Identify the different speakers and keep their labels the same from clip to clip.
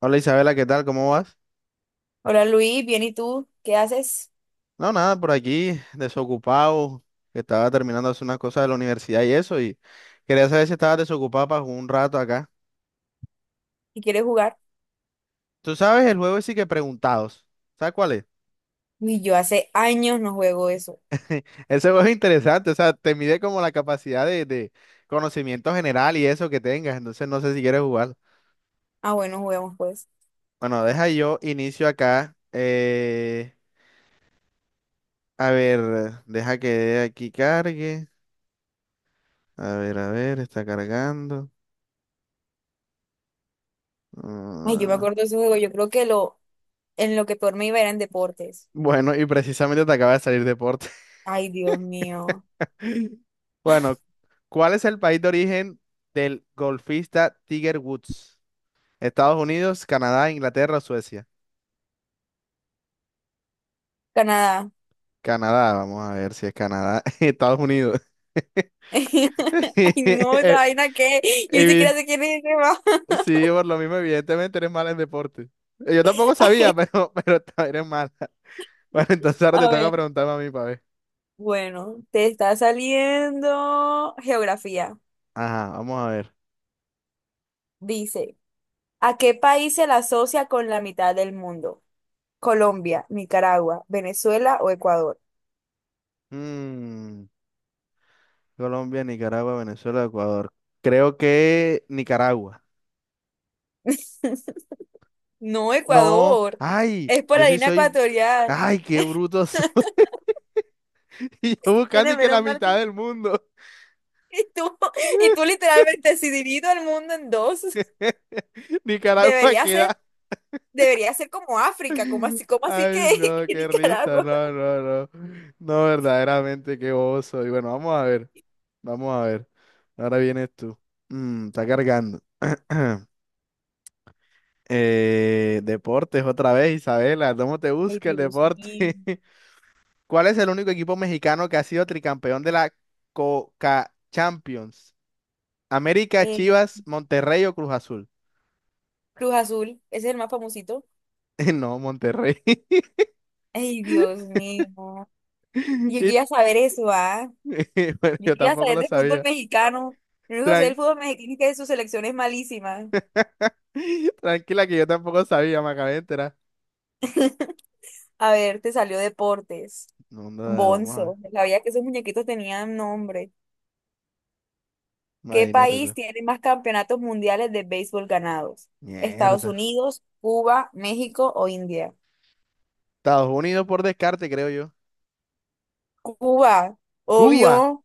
Speaker 1: Hola Isabela, ¿qué tal? ¿Cómo vas?
Speaker 2: Hola Luis, bien, ¿y tú? ¿Qué haces?
Speaker 1: No, nada, por aquí, desocupado, que estaba terminando de hacer unas cosas de la universidad y eso, y quería saber si estabas desocupado para jugar un rato acá.
Speaker 2: ¿Y quieres jugar?
Speaker 1: Tú sabes, el juego sí que preguntados. ¿Sabes cuál es?
Speaker 2: Uy, yo hace años no juego eso.
Speaker 1: Ese juego es interesante, o sea, te mide como la capacidad de conocimiento general y eso que tengas, entonces no sé si quieres jugar.
Speaker 2: Ah, bueno, juguemos pues.
Speaker 1: Bueno, deja yo inicio acá. A ver, deja que aquí cargue. A ver, está cargando.
Speaker 2: Ay, yo me
Speaker 1: Ah.
Speaker 2: acuerdo de ese juego. Yo creo que lo, en lo que peor me iba era en deportes.
Speaker 1: Bueno, y precisamente te acaba de salir deporte.
Speaker 2: Ay, Dios mío.
Speaker 1: Bueno, ¿cuál es el país de origen del golfista Tiger Woods? Estados Unidos, Canadá, Inglaterra o Suecia.
Speaker 2: Canadá.
Speaker 1: Canadá, vamos a ver si es Canadá. Estados Unidos.
Speaker 2: Ay, no, esa
Speaker 1: Eh,
Speaker 2: vaina que yo ni
Speaker 1: evi-
Speaker 2: siquiera sé quién es ese man.
Speaker 1: Sí, por lo mismo, evidentemente eres mala en deporte. Yo tampoco sabía,
Speaker 2: Ay,
Speaker 1: pero, pero eres mala. Bueno, entonces ahora
Speaker 2: a
Speaker 1: te toca
Speaker 2: ver,
Speaker 1: preguntarme a mí para ver.
Speaker 2: bueno, te está saliendo geografía.
Speaker 1: Ajá, vamos a ver.
Speaker 2: Dice, ¿a qué país se la asocia con la mitad del mundo? Colombia, Nicaragua, Venezuela o Ecuador.
Speaker 1: Mm, Colombia, Nicaragua, Venezuela, Ecuador. Creo que Nicaragua.
Speaker 2: No,
Speaker 1: No,
Speaker 2: Ecuador.
Speaker 1: ay,
Speaker 2: Es por
Speaker 1: yo
Speaker 2: la
Speaker 1: sí
Speaker 2: línea
Speaker 1: soy.
Speaker 2: ecuatorial.
Speaker 1: Ay, qué bruto soy. Y yo buscando
Speaker 2: Nene,
Speaker 1: y que
Speaker 2: menos
Speaker 1: la
Speaker 2: mal
Speaker 1: mitad
Speaker 2: que-
Speaker 1: del mundo.
Speaker 2: Y tú, y tú literalmente, si divido el mundo en dos,
Speaker 1: Nicaragua
Speaker 2: debería ser,
Speaker 1: queda.
Speaker 2: debería ser como África, como así que,
Speaker 1: Ay, no,
Speaker 2: que
Speaker 1: qué risa.
Speaker 2: Nicaragua.
Speaker 1: No, no, no. No, verdaderamente, qué bobo soy. Bueno, vamos a ver. Vamos a ver. Ahora vienes tú. Está cargando. Deportes otra vez, Isabela. ¿Cómo te
Speaker 2: Ay,
Speaker 1: busca el
Speaker 2: Dios mío.
Speaker 1: deporte? ¿Cuál es el único equipo mexicano que ha sido tricampeón de la Coca Champions? ¿América,
Speaker 2: Eh,
Speaker 1: Chivas, Monterrey o Cruz Azul?
Speaker 2: Cruz Azul, ese es el más famosito.
Speaker 1: No, Monterrey.
Speaker 2: Ay, Dios mío. Yo
Speaker 1: Y-
Speaker 2: quería saber eso, ¿ah?
Speaker 1: bueno,
Speaker 2: Yo
Speaker 1: yo
Speaker 2: quería
Speaker 1: tampoco
Speaker 2: saber
Speaker 1: lo
Speaker 2: de fútbol
Speaker 1: sabía.
Speaker 2: mexicano. Lo único que sé
Speaker 1: Tran-
Speaker 2: del fútbol mexicano es que su selección es malísima.
Speaker 1: Tranquila que yo tampoco sabía, me acabé de enterar.
Speaker 2: A ver, te salió deportes.
Speaker 1: No, no, vamos a ver.
Speaker 2: Bonzo. Sabía que esos muñequitos tenían nombre. ¿Qué
Speaker 1: Imagínate
Speaker 2: país
Speaker 1: tú.
Speaker 2: tiene más campeonatos mundiales de béisbol ganados? ¿Estados
Speaker 1: Mierda.
Speaker 2: Unidos, Cuba, México o India?
Speaker 1: Estados Unidos por descarte, creo yo.
Speaker 2: Cuba,
Speaker 1: Cuba,
Speaker 2: obvio.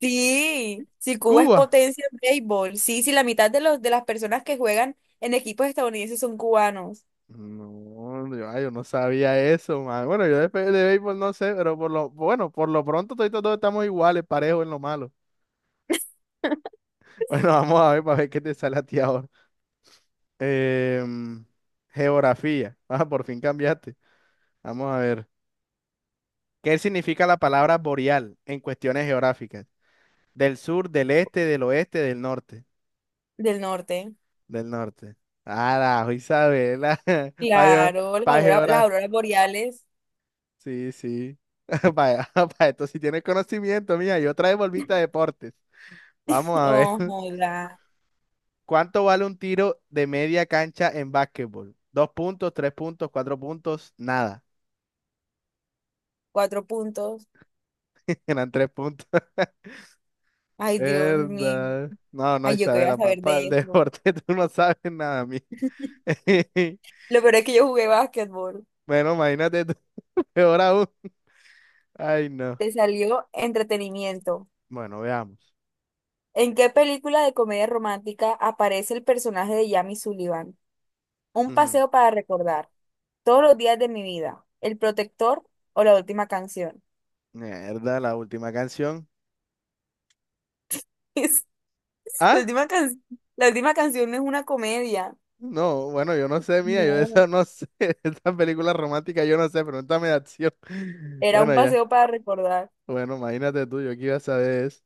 Speaker 2: Sí, si Cuba es
Speaker 1: Cuba.
Speaker 2: potencia en béisbol. Sí, sí, la mitad de los de las personas que juegan en equipos estadounidenses son cubanos
Speaker 1: No, yo, ay, yo no sabía eso, man. Bueno, yo de béisbol no sé, pero por lo, bueno, por lo pronto todos estamos iguales, parejos en lo malo. Bueno, vamos a ver para ver qué te sale a ti ahora. Em, Geografía. Ah, por fin cambiaste. Vamos a ver. ¿Qué significa la palabra boreal en cuestiones geográficas? Del sur, del este, del oeste, del norte.
Speaker 2: del norte.
Speaker 1: Del norte. Ah, la Isabela.
Speaker 2: Claro, las
Speaker 1: Para
Speaker 2: auroras boreales.
Speaker 1: sí, sí. Vaya, vaya, esto sí tienes conocimiento, mía. Yo trae volvita volviste a deportes. Vamos a ver.
Speaker 2: Oh, joda.
Speaker 1: ¿Cuánto vale un tiro de media cancha en básquetbol? Dos puntos, tres puntos, cuatro puntos, nada.
Speaker 2: Cuatro puntos.
Speaker 1: Eran tres puntos.
Speaker 2: Ay, Dios mío.
Speaker 1: Verdad. No, no,
Speaker 2: Ay, yo qué voy a
Speaker 1: Isabela,
Speaker 2: saber
Speaker 1: papá, el
Speaker 2: de eso.
Speaker 1: deporte, tú no sabes nada, mí.
Speaker 2: Lo peor es que yo jugué básquetbol.
Speaker 1: Bueno, imagínate tú, peor aún. Ay, no.
Speaker 2: Te salió entretenimiento.
Speaker 1: Bueno, veamos.
Speaker 2: ¿En qué película de comedia romántica aparece el personaje de Jamie Sullivan? Un
Speaker 1: Ujú.
Speaker 2: paseo para recordar. Todos los días de mi vida. El protector o la última canción.
Speaker 1: Mierda, la última canción.
Speaker 2: Es- La
Speaker 1: ¿Ah?
Speaker 2: última can- la última canción no es una comedia.
Speaker 1: No, bueno, yo no sé, mía, yo de esa
Speaker 2: No.
Speaker 1: no sé, esta película romántica yo no sé, pregúntame de acción.
Speaker 2: Era un
Speaker 1: Bueno, ya,
Speaker 2: paseo para recordar.
Speaker 1: bueno, imagínate tú, yo que iba a saber eso.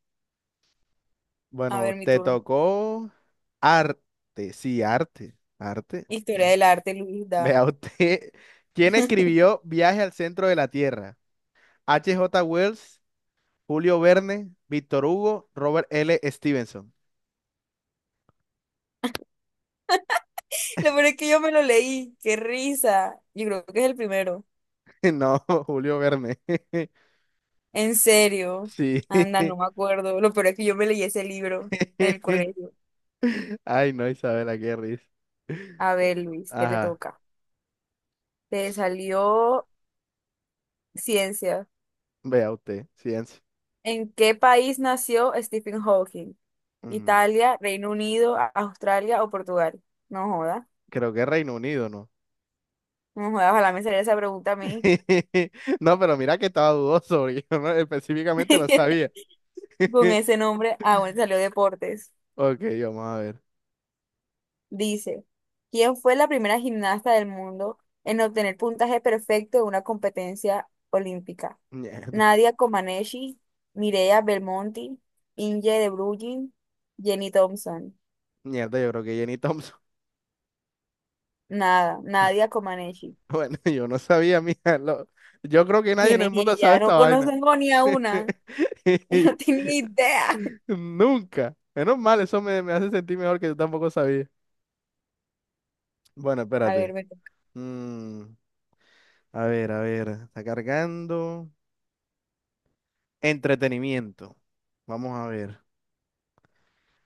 Speaker 2: A
Speaker 1: Bueno,
Speaker 2: ver, mi
Speaker 1: te
Speaker 2: turno.
Speaker 1: tocó arte, sí, arte, arte,
Speaker 2: Historia
Speaker 1: ya.
Speaker 2: del arte, Luis da.
Speaker 1: Vea usted, ¿quién escribió Viaje al centro de la Tierra? H. J. Wells, Julio Verne, Víctor Hugo, Robert L. Stevenson.
Speaker 2: Lo peor es que yo me lo leí. Qué risa. Yo creo que es el primero.
Speaker 1: No, Julio Verne,
Speaker 2: En serio.
Speaker 1: sí.
Speaker 2: Anda, no me acuerdo. Lo peor es que yo me leí ese libro en el colegio.
Speaker 1: Ay, no, Isabela, qué risa.
Speaker 2: A ver, Luis, ¿qué te
Speaker 1: Ajá,
Speaker 2: toca? Te salió ciencia.
Speaker 1: vea usted, ciencia.
Speaker 2: ¿En qué país nació Stephen Hawking?
Speaker 1: Ujú.
Speaker 2: ¿Italia, Reino Unido, Australia o Portugal? No joda.
Speaker 1: Creo que Reino Unido, ¿no?
Speaker 2: No joda, ojalá me saliera esa pregunta a mí.
Speaker 1: No, pero mira que estaba dudoso, porque yo no- específicamente no sabía.
Speaker 2: Con ese nombre, ah, bueno, salió deportes.
Speaker 1: Ok, vamos a ver.
Speaker 2: Dice, ¿quién fue la primera gimnasta del mundo en obtener puntaje perfecto en una competencia olímpica?
Speaker 1: Mierda,
Speaker 2: Nadia Comaneci, Mireia Belmonte, Inge de Bruijn, Jenny Thompson.
Speaker 1: mierda, yo creo que Jenny Thompson.
Speaker 2: Nada, Nadia Comaneci.
Speaker 1: Bueno, yo no sabía, mija. Yo creo que nadie
Speaker 2: ¿Quién
Speaker 1: en
Speaker 2: es
Speaker 1: el mundo sabe
Speaker 2: ella? No
Speaker 1: esta vaina.
Speaker 2: conozco ni a una. No tengo ni idea.
Speaker 1: Nunca. Menos mal, eso me hace sentir mejor que yo tampoco sabía. Bueno,
Speaker 2: A
Speaker 1: espérate.
Speaker 2: ver, me toca.
Speaker 1: Mm, a ver, a ver. Está cargando. Entretenimiento. Vamos a ver.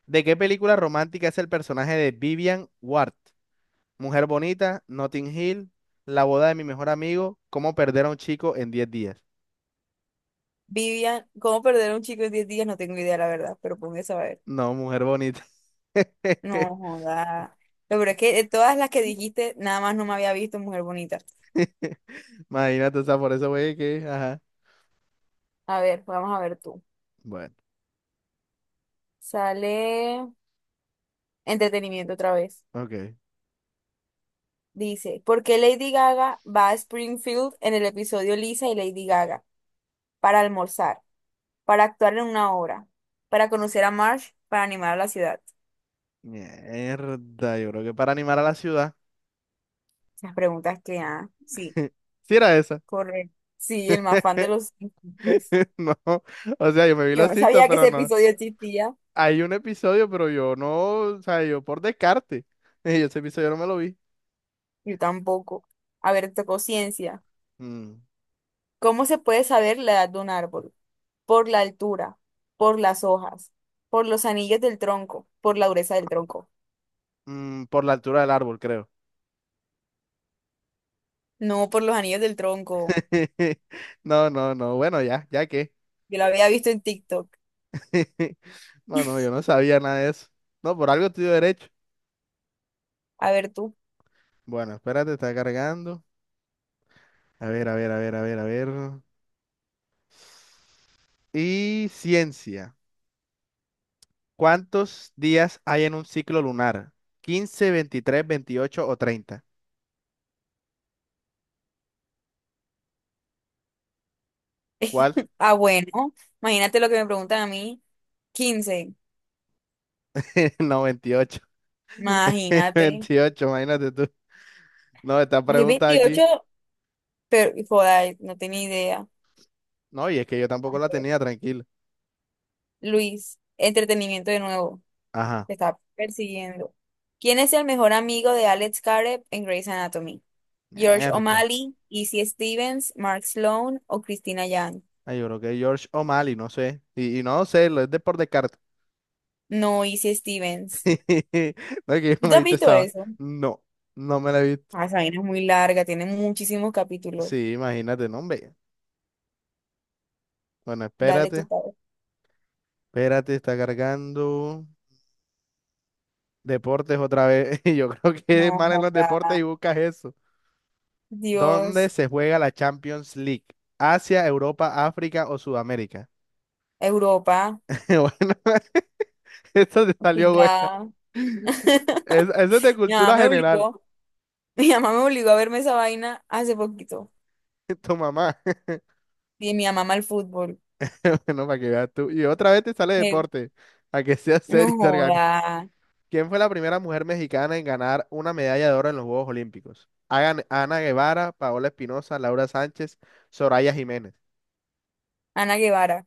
Speaker 1: ¿De qué película romántica es el personaje de Vivian Ward? Mujer bonita, Notting Hill, La boda de mi mejor amigo, ¿Cómo perder a un chico en 10 días?
Speaker 2: Vivian, ¿cómo perder a un chico en 10 días? No tengo idea, la verdad, pero póngase a ver.
Speaker 1: No, mujer bonita.
Speaker 2: No, joda. Lo peor es que de todas las que dijiste, nada más no me había visto mujer bonita.
Speaker 1: Imagínate, o sea, por eso güey que, ajá.
Speaker 2: A ver, vamos a ver tú.
Speaker 1: Bueno,
Speaker 2: Sale entretenimiento otra vez.
Speaker 1: ok.
Speaker 2: Dice, ¿por qué Lady Gaga va a Springfield en el episodio Lisa y Lady Gaga? Para almorzar, para actuar en una obra, para conocer a Marsh, para animar a la ciudad.
Speaker 1: Mierda, yo creo que para animar a la ciudad.
Speaker 2: Las preguntas que, ah, sí,
Speaker 1: Sí era esa.
Speaker 2: correcto. Sí, el más fan de los Simpsons.
Speaker 1: No, o sea, yo me vi
Speaker 2: Yo
Speaker 1: los
Speaker 2: no
Speaker 1: Simpsons,
Speaker 2: sabía que
Speaker 1: pero
Speaker 2: ese
Speaker 1: no.
Speaker 2: episodio existía.
Speaker 1: Hay un episodio, pero yo no, o sea, yo por descarte. Yo ese episodio no me lo vi.
Speaker 2: Yo tampoco. A ver, tocó ciencia.
Speaker 1: Mm.
Speaker 2: ¿Cómo se puede saber la edad de un árbol? Por la altura, por las hojas, por los anillos del tronco, por la dureza del tronco.
Speaker 1: Mm, por la altura del árbol, creo.
Speaker 2: No, por los anillos del tronco.
Speaker 1: No, no, no. Bueno, ya, ya qué.
Speaker 2: Yo lo había visto en TikTok.
Speaker 1: No, no, yo no sabía nada de eso. No, por algo estoy derecho.
Speaker 2: A ver tú.
Speaker 1: Bueno, espérate, está cargando. A ver, a ver, a ver, a ver, a ver. Y ciencia. ¿Cuántos días hay en un ciclo lunar? 15, 23, 28 o 30. ¿Cuál?
Speaker 2: Ah, bueno. Imagínate lo que me preguntan a mí. 15.
Speaker 1: No, 28.
Speaker 2: Imagínate.
Speaker 1: 28. Imagínate tú. No, esta
Speaker 2: Hay
Speaker 1: pregunta aquí.
Speaker 2: 28. Pero joda, no tenía idea.
Speaker 1: No, y es que yo tampoco la tenía, tranquilo.
Speaker 2: Luis, entretenimiento de nuevo.
Speaker 1: Ajá.
Speaker 2: Te está persiguiendo. ¿Quién es el mejor amigo de Alex Caret en Grey's Anatomy? George
Speaker 1: Mierda.
Speaker 2: O'Malley, Izzy Stevens, Mark Sloan o Christina Yang.
Speaker 1: Ay, yo creo que George O'Malley, no sé. Y no sé, lo es de por descarte.
Speaker 2: No hice Stevens.
Speaker 1: No es que yo no
Speaker 2: ¿Tú te
Speaker 1: me
Speaker 2: has
Speaker 1: viste
Speaker 2: visto
Speaker 1: esa.
Speaker 2: eso?
Speaker 1: No, no me la he visto.
Speaker 2: Ah, esa vaina es muy larga, tiene muchísimos capítulos.
Speaker 1: Sí, imagínate, no, hombre. Bueno,
Speaker 2: Dale tu
Speaker 1: espérate,
Speaker 2: padre.
Speaker 1: espérate, está cargando. Deportes otra vez. Yo creo que es
Speaker 2: No,
Speaker 1: mal en los
Speaker 2: joda.
Speaker 1: deportes y buscas eso. ¿Dónde
Speaker 2: Dios,
Speaker 1: se juega la Champions League? ¿Asia, Europa, África o Sudamérica?
Speaker 2: Europa,
Speaker 1: Bueno, esto te salió bueno.
Speaker 2: cuidado.
Speaker 1: Eso es de
Speaker 2: Mi mamá
Speaker 1: cultura
Speaker 2: me
Speaker 1: general.
Speaker 2: obligó, mi mamá me obligó a verme esa vaina hace poquito.
Speaker 1: Tu mamá.
Speaker 2: Y mi mamá ama el fútbol.
Speaker 1: Bueno, para que veas tú. Y otra vez te sale
Speaker 2: Me-
Speaker 1: deporte. A que sea serio
Speaker 2: no
Speaker 1: y te organices.
Speaker 2: joda.
Speaker 1: ¿Quién fue la primera mujer mexicana en ganar una medalla de oro en los Juegos Olímpicos? Ana Guevara, Paola Espinosa, Laura Sánchez, Soraya Jiménez.
Speaker 2: Ana Guevara.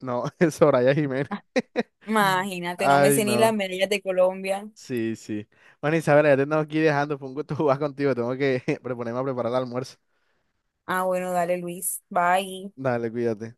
Speaker 1: No, es Soraya Jiménez.
Speaker 2: Ah, imagínate, no me
Speaker 1: Ay,
Speaker 2: sé ni las
Speaker 1: no.
Speaker 2: medallas de Colombia.
Speaker 1: Sí, sí. Bueno, Isabela, ya te tengo que ir dejando. Fue un gusto jugar contigo. Tengo que proponerme a preparar el almuerzo.
Speaker 2: Ah, bueno, dale, Luis. Bye.
Speaker 1: Dale, cuídate.